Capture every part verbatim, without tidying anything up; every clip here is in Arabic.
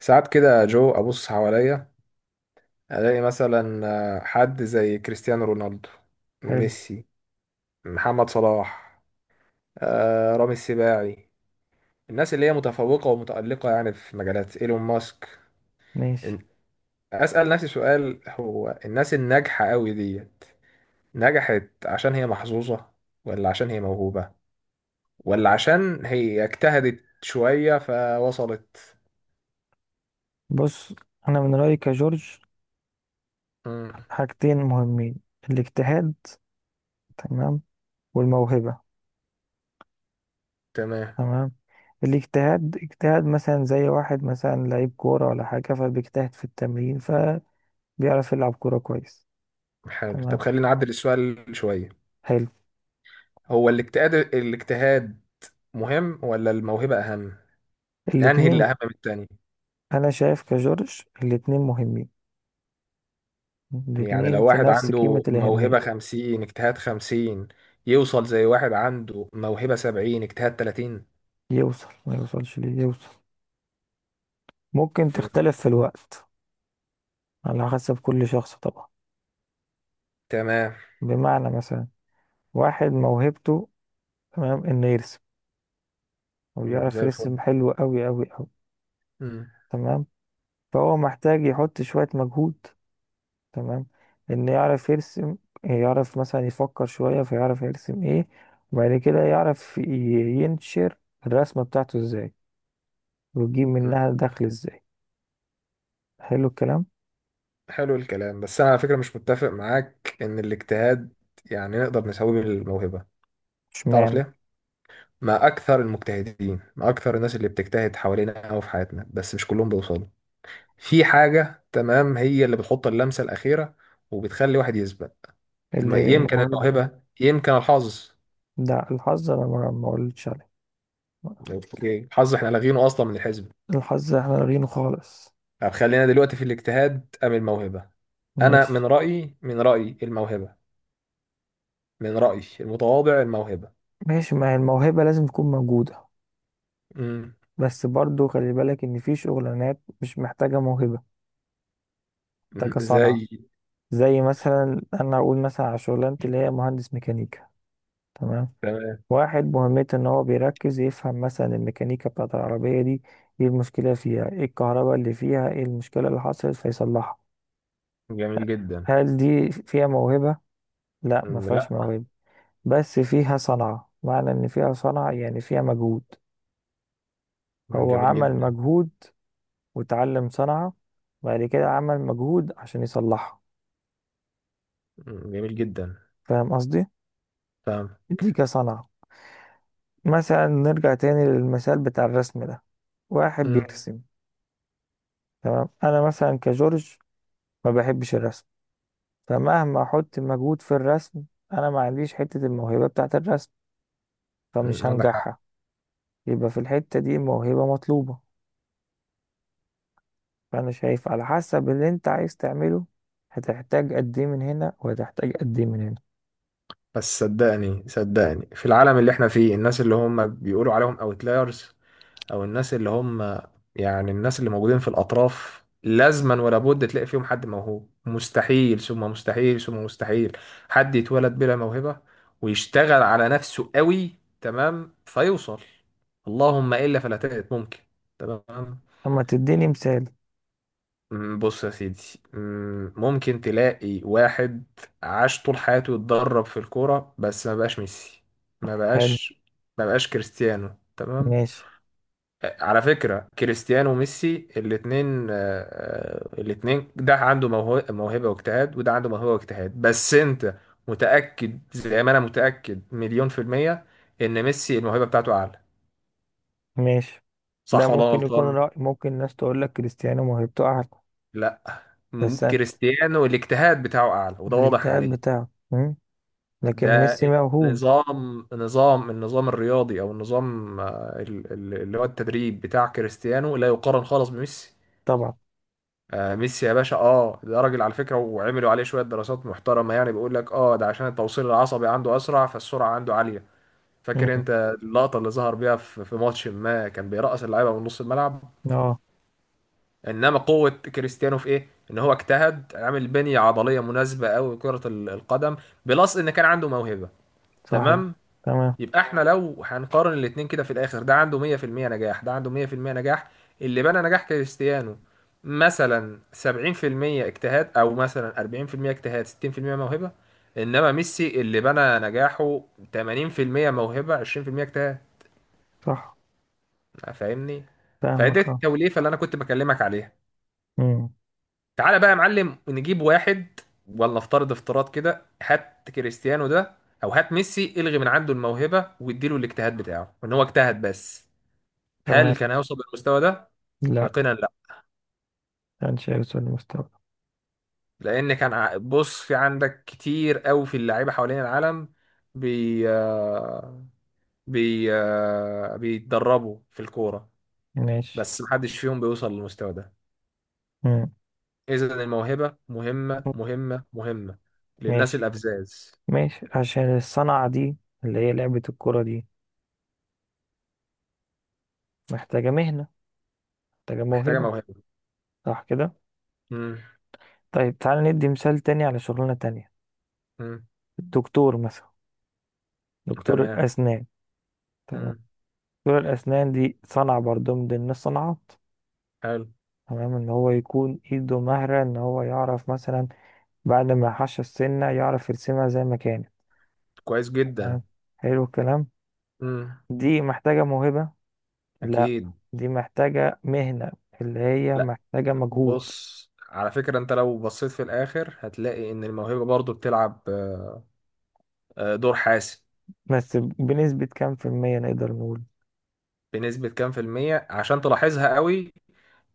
ساعات كده جو ابص حواليا، الاقي مثلا آه، حد زي كريستيانو رونالدو، حلو. ميسي، محمد صلاح، آه، رامي السباعي، الناس اللي هي متفوقة ومتألقة يعني في مجالات، ايلون ماسك. ماشي. إن- اسأل نفسي سؤال، هو الناس الناجحة قوي ديت نجحت عشان هي محظوظة، ولا عشان هي موهوبة، ولا عشان هي اجتهدت شوية فوصلت؟ بص، انا من رأيي كجورج مم. حاجتين مهمين: الاجتهاد، تمام، والموهبة. تمام. تمام. الاجتهاد اجتهاد مثلا زي واحد مثلا لعيب كورة ولا حاجة فبيجتهد في التمرين فبيعرف يلعب كورة كويس. حلو، طب تمام. خلينا نعدل السؤال شوية. حلو. هو الاجتهاد الاجتهاد مهم ولا الموهبة أهم؟ أنهي الاتنين. اللي أهم من التاني؟ انا شايف كجورج الاتنين مهمين، يعني الاتنين لو في واحد نفس قيمة عنده الأهمية. موهبة خمسين اجتهاد خمسين، يوصل زي واحد عنده موهبة سبعين اجتهاد تلاتين؟ يوصل، ما يوصلش ليه يوصل، ممكن مم. تختلف في الوقت على حسب كل شخص طبعا. تمام. بمعنى مثلا، واحد موهبته تمام انه يرسم، هو مم، يعرف زي الفل. يرسم حلو قوي قوي قوي. مم. تمام. فهو محتاج يحط شوية مجهود، تمام، انه يعرف يرسم، يعرف مثلا يفكر شوية فيعرف يرسم ايه، وبعد كده يعرف ي- ينشر الرسمة بتاعته ازاي، ويجيب مم. منها دخل ازاي. حلو الكلام. حلو الكلام، بس أنا على فكرة مش متفق معاك إن الاجتهاد يعني نقدر نساويه بالموهبة. تعرف اشمعنى؟ ليه؟ ما أكثر المجتهدين، ما أكثر الناس اللي بتجتهد حوالينا أو في حياتنا، بس مش كلهم بيوصلوا. في حاجة تمام هي اللي بتحط اللمسة الأخيرة، وبتخلي واحد يثبت. الم- اللي يمكن موهبة؟ الموهبة، يمكن الحظ. ده الحظ انا ما ما قلتش عليه. اوكي، الحظ احنا لاغينه أصلا من الحزب. الحظ احنا لارينه خالص. طب خلينا دلوقتي في الاجتهاد أم الموهبة. أنا ماشي. من رأيي، من رأيي الموهبة. من رأيي المتواضع الموهبة. ماشي، ما هي الموهبة لازم تكون موجودة، امم بس برضو خلي بالك ان في شغلانات مش محتاجة موهبة، محتاجة صنعة. زي. زي مثلا انا اقول مثلا على شغلانتي اللي هي مهندس ميكانيكا. تمام. تمام، واحد مهمته ان هو بيركز يفهم مثلا الميكانيكا بتاعت العربية دي، ايه المشكلة فيها، ايه الكهرباء اللي فيها، ايه المشكلة اللي حصلت فيصلحها. جميل جدا. هل دي فيها موهبة؟ لا، ما أمم، فيهاش لا. موهبة، بس فيها صنعة. معنى ان فيها صنعة يعني فيها مجهود، أمم، هو جميل عمل جدا. مجهود وتعلم صنعة، بعد كده عمل مجهود عشان يصلحها. أمم، جميل جدا. فاهم قصدي؟ فاهم. دي كصنعة. مثلا نرجع تاني للمثال بتاع الرسم ده، واحد أمم. بيرسم، تمام، انا مثلا كجورج ما بحبش الرسم، فمهما احط مجهود في الرسم، انا ما عنديش حتة الموهبة بتاعة الرسم، فمش أمم، عندك حق. هنجحها. يبقى في الحتة دي موهبة مطلوبة. فانا شايف على حسب اللي انت عايز تعمله، هتحتاج قد ايه من هنا وهتحتاج قد ايه من هنا. بس صدقني صدقني، في العالم اللي احنا فيه الناس اللي هم بيقولوا عليهم اوتلايرز، او الناس اللي هم يعني الناس اللي موجودين في الاطراف، لازما ولا بد تلاقي فيهم حد موهوب. مستحيل ثم مستحيل ثم مستحيل حد يتولد بلا موهبة ويشتغل على نفسه قوي، تمام، فيوصل. اللهم الا فلا تجد، ممكن. تمام. اما تديني مثال. مم، بص يا سيدي. مم، ممكن تلاقي واحد عاش طول حياته يتدرب في الكورة، بس ما بقاش ميسي. ما حلو. بقاش. ما بقاش كريستيانو، تمام. ماشي. آه، على فكرة كريستيانو وميسي الاتنين، آه، آه، الاتنين، ده عنده موهو- موهبة واجتهاد، وده عنده موهبة واجتهاد، بس انت متأكد زي ما انا متأكد مليون في المية ان ميسي الموهبة بتاعته اعلى. ماشي. ده صح ولا أنا ممكن يكون غلطان؟ رأي، ممكن الناس تقول لك كريستيانو موهبته أعلى. لا، م- بس أنا- كريستيانو الاجتهاد بتاعه اعلى، وده واضح الاجتهاد عليه. بتاعه مم. لكن ده ميسي موهوب. نظام نظام النظام الرياضي او النظام، آه، ال- ال- اللي هو التدريب بتاع كريستيانو لا يقارن خالص بميسي. طبعا. آه ميسي يا باشا، اه ده راجل على فكرة، وعملوا عليه شوية دراسات محترمة، يعني بيقول لك اه ده عشان التوصيل العصبي عنده أسرع، فالسرعة عنده عالية. مم. فاكر انت اللقطة اللي ظهر بيها في في ماتش ما كان بيرقص اللعيبة من نص الملعب. اه، انما قوة كريستيانو في ايه؟ ان هو اجتهد، عامل بنية عضلية مناسبة قوي لكرة ال- القدم، بلس ان كان عنده موهبة. صح كده. تمام. تمام. يبقى احنا لو هنقارن الاتنين كده في الاخر، ده عنده مية في المية نجاح، ده عنده مية في المية نجاح. اللي بنى نجاح كريستيانو مثلا سبعين في المية اجتهاد، او مثلا أربعين في المية اجتهاد ستين في المية موهبة. انما ميسي اللي بنى نجاحه ثمانين في المية موهبة عشرين في المية اجتهاد. صح. فاهمني؟ فدي فاهمك، اه. التوليفة اللي انا كنت بكلمك عليها. مم. تعالى بقى يا معلم نجيب واحد، ولا افترض افتراض كده، هات كريستيانو ده، او هات ميسي، الغي من عنده الموهبة واديله الاجتهاد بتاعه ان هو اجتهد بس. هل تمام. كان هيوصل للمستوى ده؟ لا، يقينا لا. انشيلوتي المستوى. لان كان ع- بص، في عندك كتير قوي في اللعيبه حوالين العالم، بي آه، بي آه، بيتدربوا في الكوره، ماشي. بس محدش فيهم بيوصل للمستوى ده. مم. اذا الموهبه مهمه مهمه مهمه للناس ماشي. الابزاز. ماشي، عشان الصنعة دي اللي هي لعبة الكرة دي محتاجة مهنة، محتاجة محتاجه موهبة. موهبه. صح كده. مم. طيب تعال ندي مثال تاني على شغلانة تانية، مم. الدكتور مثلا، دكتور تمام. الأسنان. تمام. مم. دكتور الأسنان دي صنعة برضو من ضمن الصناعات. حلو. تمام، ان هو يكون ايده مهرة، ان هو يعرف مثلا بعد ما يحش السنة يعرف يرسمها زي ما كانت. كويس جدا. تمام. حلو الكلام. مم. دي محتاجة موهبة؟ لا، اكيد. دي محتاجة مهنة اللي هي لا، محتاجة مجهود. بص على فكرة، انت لو بصيت في الاخر هتلاقي ان الموهبة برضو بتلعب آه، آه، دور حاسم. بس بنسبة كام في المية نقدر نقول؟ بنسبة كام في المية عشان تلاحظها قوي،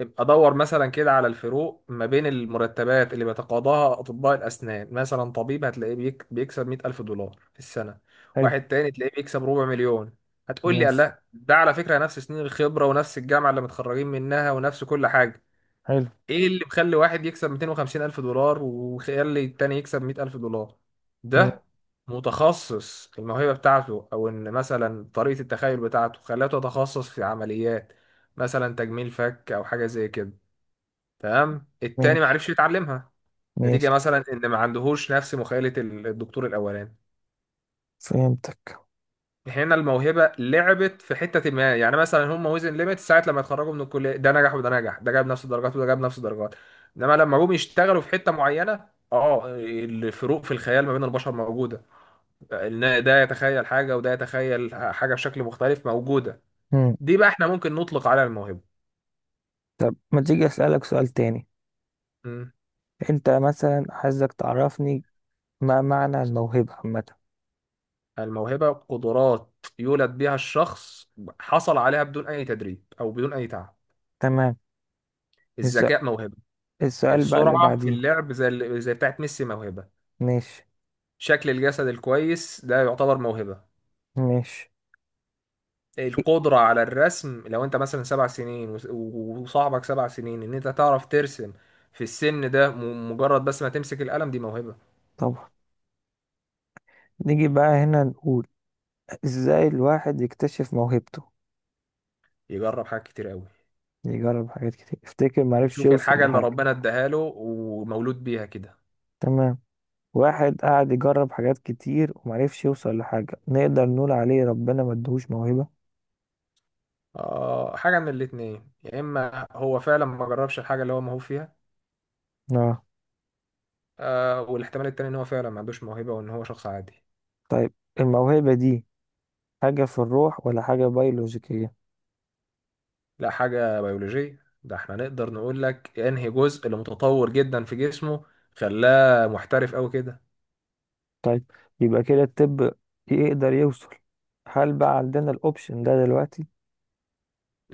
ابقى دور مثلا كده على الفروق ما بين المرتبات اللي بيتقاضاها أطباء الأسنان. مثلا طبيب هتلاقيه بيك بيكسب مية ألف دولار في السنة، حلو. واحد تاني تلاقيه بيكسب ربع مليون. هتقول لي ماشي. لا، ده على فكرة نفس سنين الخبرة ونفس الجامعة اللي متخرجين منها ونفس كل حاجة. حلو. ايه اللي مخلي واحد يكسب مئتين وخمسين الف دولار، وخلي التاني يكسب مئة الف دولار؟ مم. ده متخصص، الموهبة بتاعته او ان مثلا طريقة التخيل بتاعته خلاته يتخصص في عمليات، مثلا تجميل فك او حاجة زي كده، تمام، التاني ماشي. معرفش يتعلمها، نتيجة ماشي. مثلا ان ما عندهوش نفس مخيلة الدكتور الاولاني. فهمتك. هنا الموهبة لعبت في حتة ما، يعني مثلا هم وزن ليميت ساعة لما يتخرجوا من الكلية، ده نجح وده نجح، ده جاب نفس الدرجات وده جاب نفس الدرجات، انما لما جم يشتغلوا في حتة معينة، اه الفروق في الخيال ما بين البشر موجودة، إن ده يتخيل حاجة وده يتخيل حاجة بشكل مختلف موجودة. مم. دي بقى احنا ممكن نطلق عليها الموهبة. طب ما تيجي أسألك سؤال تاني، مم. انت مثلا، عايزك تعرفني ما معنى الموهبة عامة. الموهبة قدرات يولد بها الشخص، حصل عليها بدون أي تدريب أو بدون أي تعب. تمام. الس- الذكاء موهبة. السؤال بقى اللي السرعة في بعديه. اللعب زي زي بتاعت ميسي موهبة. ماشي. شكل الجسد الكويس ده يعتبر موهبة. ماشي. إيه، القدرة على الرسم، لو انت مثلا سبع سنين وس- و- وصاحبك سبع سنين ان انت تعرف ترسم في السن ده، م- مجرد بس ما تمسك القلم، دي موهبة. طبعا. نيجي بقى هنا نقول ازاي الواحد يكتشف موهبته؟ يجرب حاجات كتير قوي. يجرب حاجات كتير، افتكر معرفش يشوف يوصل الحاجة اللي لحاجة. ربنا اداها له ومولود بيها كده. تمام. واحد قاعد يجرب حاجات كتير ومعرفش يوصل لحاجة، نقدر نقول عليه ربنا ما ادهوش موهبة؟ آه، حاجة من الاتنين، يا اما هو فعلا ما جربش الحاجة اللي هو موهوب فيها، اه. آه، والاحتمال التاني ان هو فعلا ما عندوش موهبة وان هو شخص عادي. طيب، الموهبة دي حاجة في الروح ولا حاجة بيولوجيكية؟ لا، حاجة بيولوجية. ده احنا نقدر نقول لك انهي جزء اللي متطور جدا في جسمه خلاه محترف قوي كده. طيب، يبقى كده الطب يقدر يوصل. هل بقى عندنا الاوبشن ده دلوقتي؟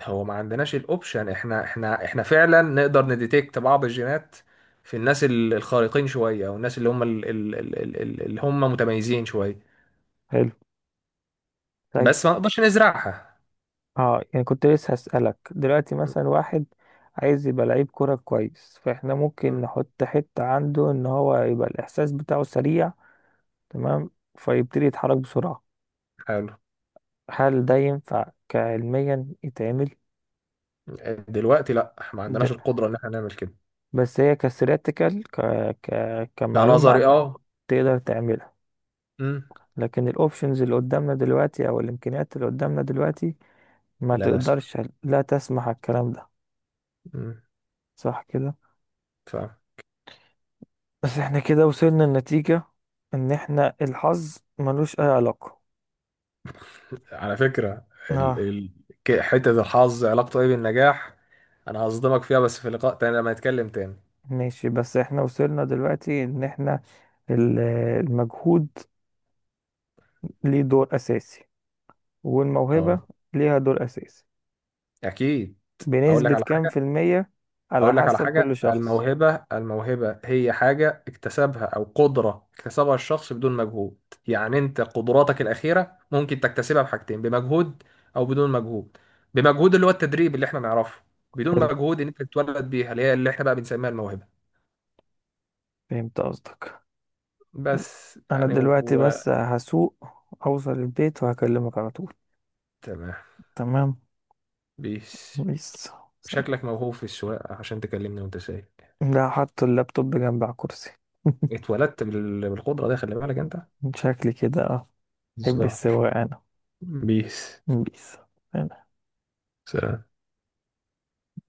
هو ما عندناش الاوبشن، احنا احنا احنا فعلا نقدر نديتكت بعض الجينات في الناس ال- الخارقين شوية، او الناس اللي هم ال- ال- ال- ال- ال- اللي هم متميزين شوية. حلو. طيب. بس ما نقدرش نزرعها. اه، يعني كنت لسه هسألك دلوقتي، م- مثلا واحد عايز يبقى لعيب كرة كويس، فاحنا ممكن م- نحط حتة عنده ان هو يبقى الاحساس بتاعه سريع، تمام، فيبتدي يتحرك بسرعة. حلو. هل ده ينفع كعلميا يتعمل؟ دلوقتي لا، ما عندناش ده، القدرة ان احنا نعمل كده. بس هي كستاتيكال، ك... ك... لا، كمعلومة نظري عامة، اه. تقدر تعملها. م، لكن الاوبشنز اللي قدامنا دلوقتي او الامكانيات اللي قدامنا دلوقتي ما لا تسمع. تقدرش. لا تسمح الكلام ده. م، صح كده. فاهم. بس احنا كده وصلنا لنتيجة ان احنا الحظ ملوش اي علاقة. على فكرة ال... اه. ال... ك- حتة الحظ علاقته ايه بالنجاح، انا هصدمك فيها بس في لقاء تاني لما نتكلم تاني. ماشي. بس احنا وصلنا دلوقتي ان احنا ال- المجهود ليه دور اساسي، والموهبة اه. ليها دور اساسي. اكيد. اقول لك بنسبة على كام في حاجة المية؟ على اقول لك على حسب كل حاجة. شخص. الموهبة الموهبة هي حاجة اكتسبها او قدرة اكتسبها الشخص بدون مجهود. يعني انت قدراتك الأخيرة ممكن تكتسبها بحاجتين، بمجهود او بدون مجهود. بمجهود اللي هو التدريب اللي احنا نعرفه، بدون حلو. مجهود ان انت تتولد بيها اللي هي اللي احنا بقى بنسميها الموهبة. فهمت قصدك. بس انا يعني دلوقتي و... بس هسوق، اوصل البيت وهكلمك على طول. تمام. تمام. بيس. بيس. سلام. شكلك موهوب في السواقة عشان تكلمني وانت سايق. لا، حط اللابتوب جنب على الكرسي. اتولدت بال- بالقدرة دي، خلي بالك انت شكلي كده، اه، بحب الظهر. السواقة أنا. بيس. بيس. سلام.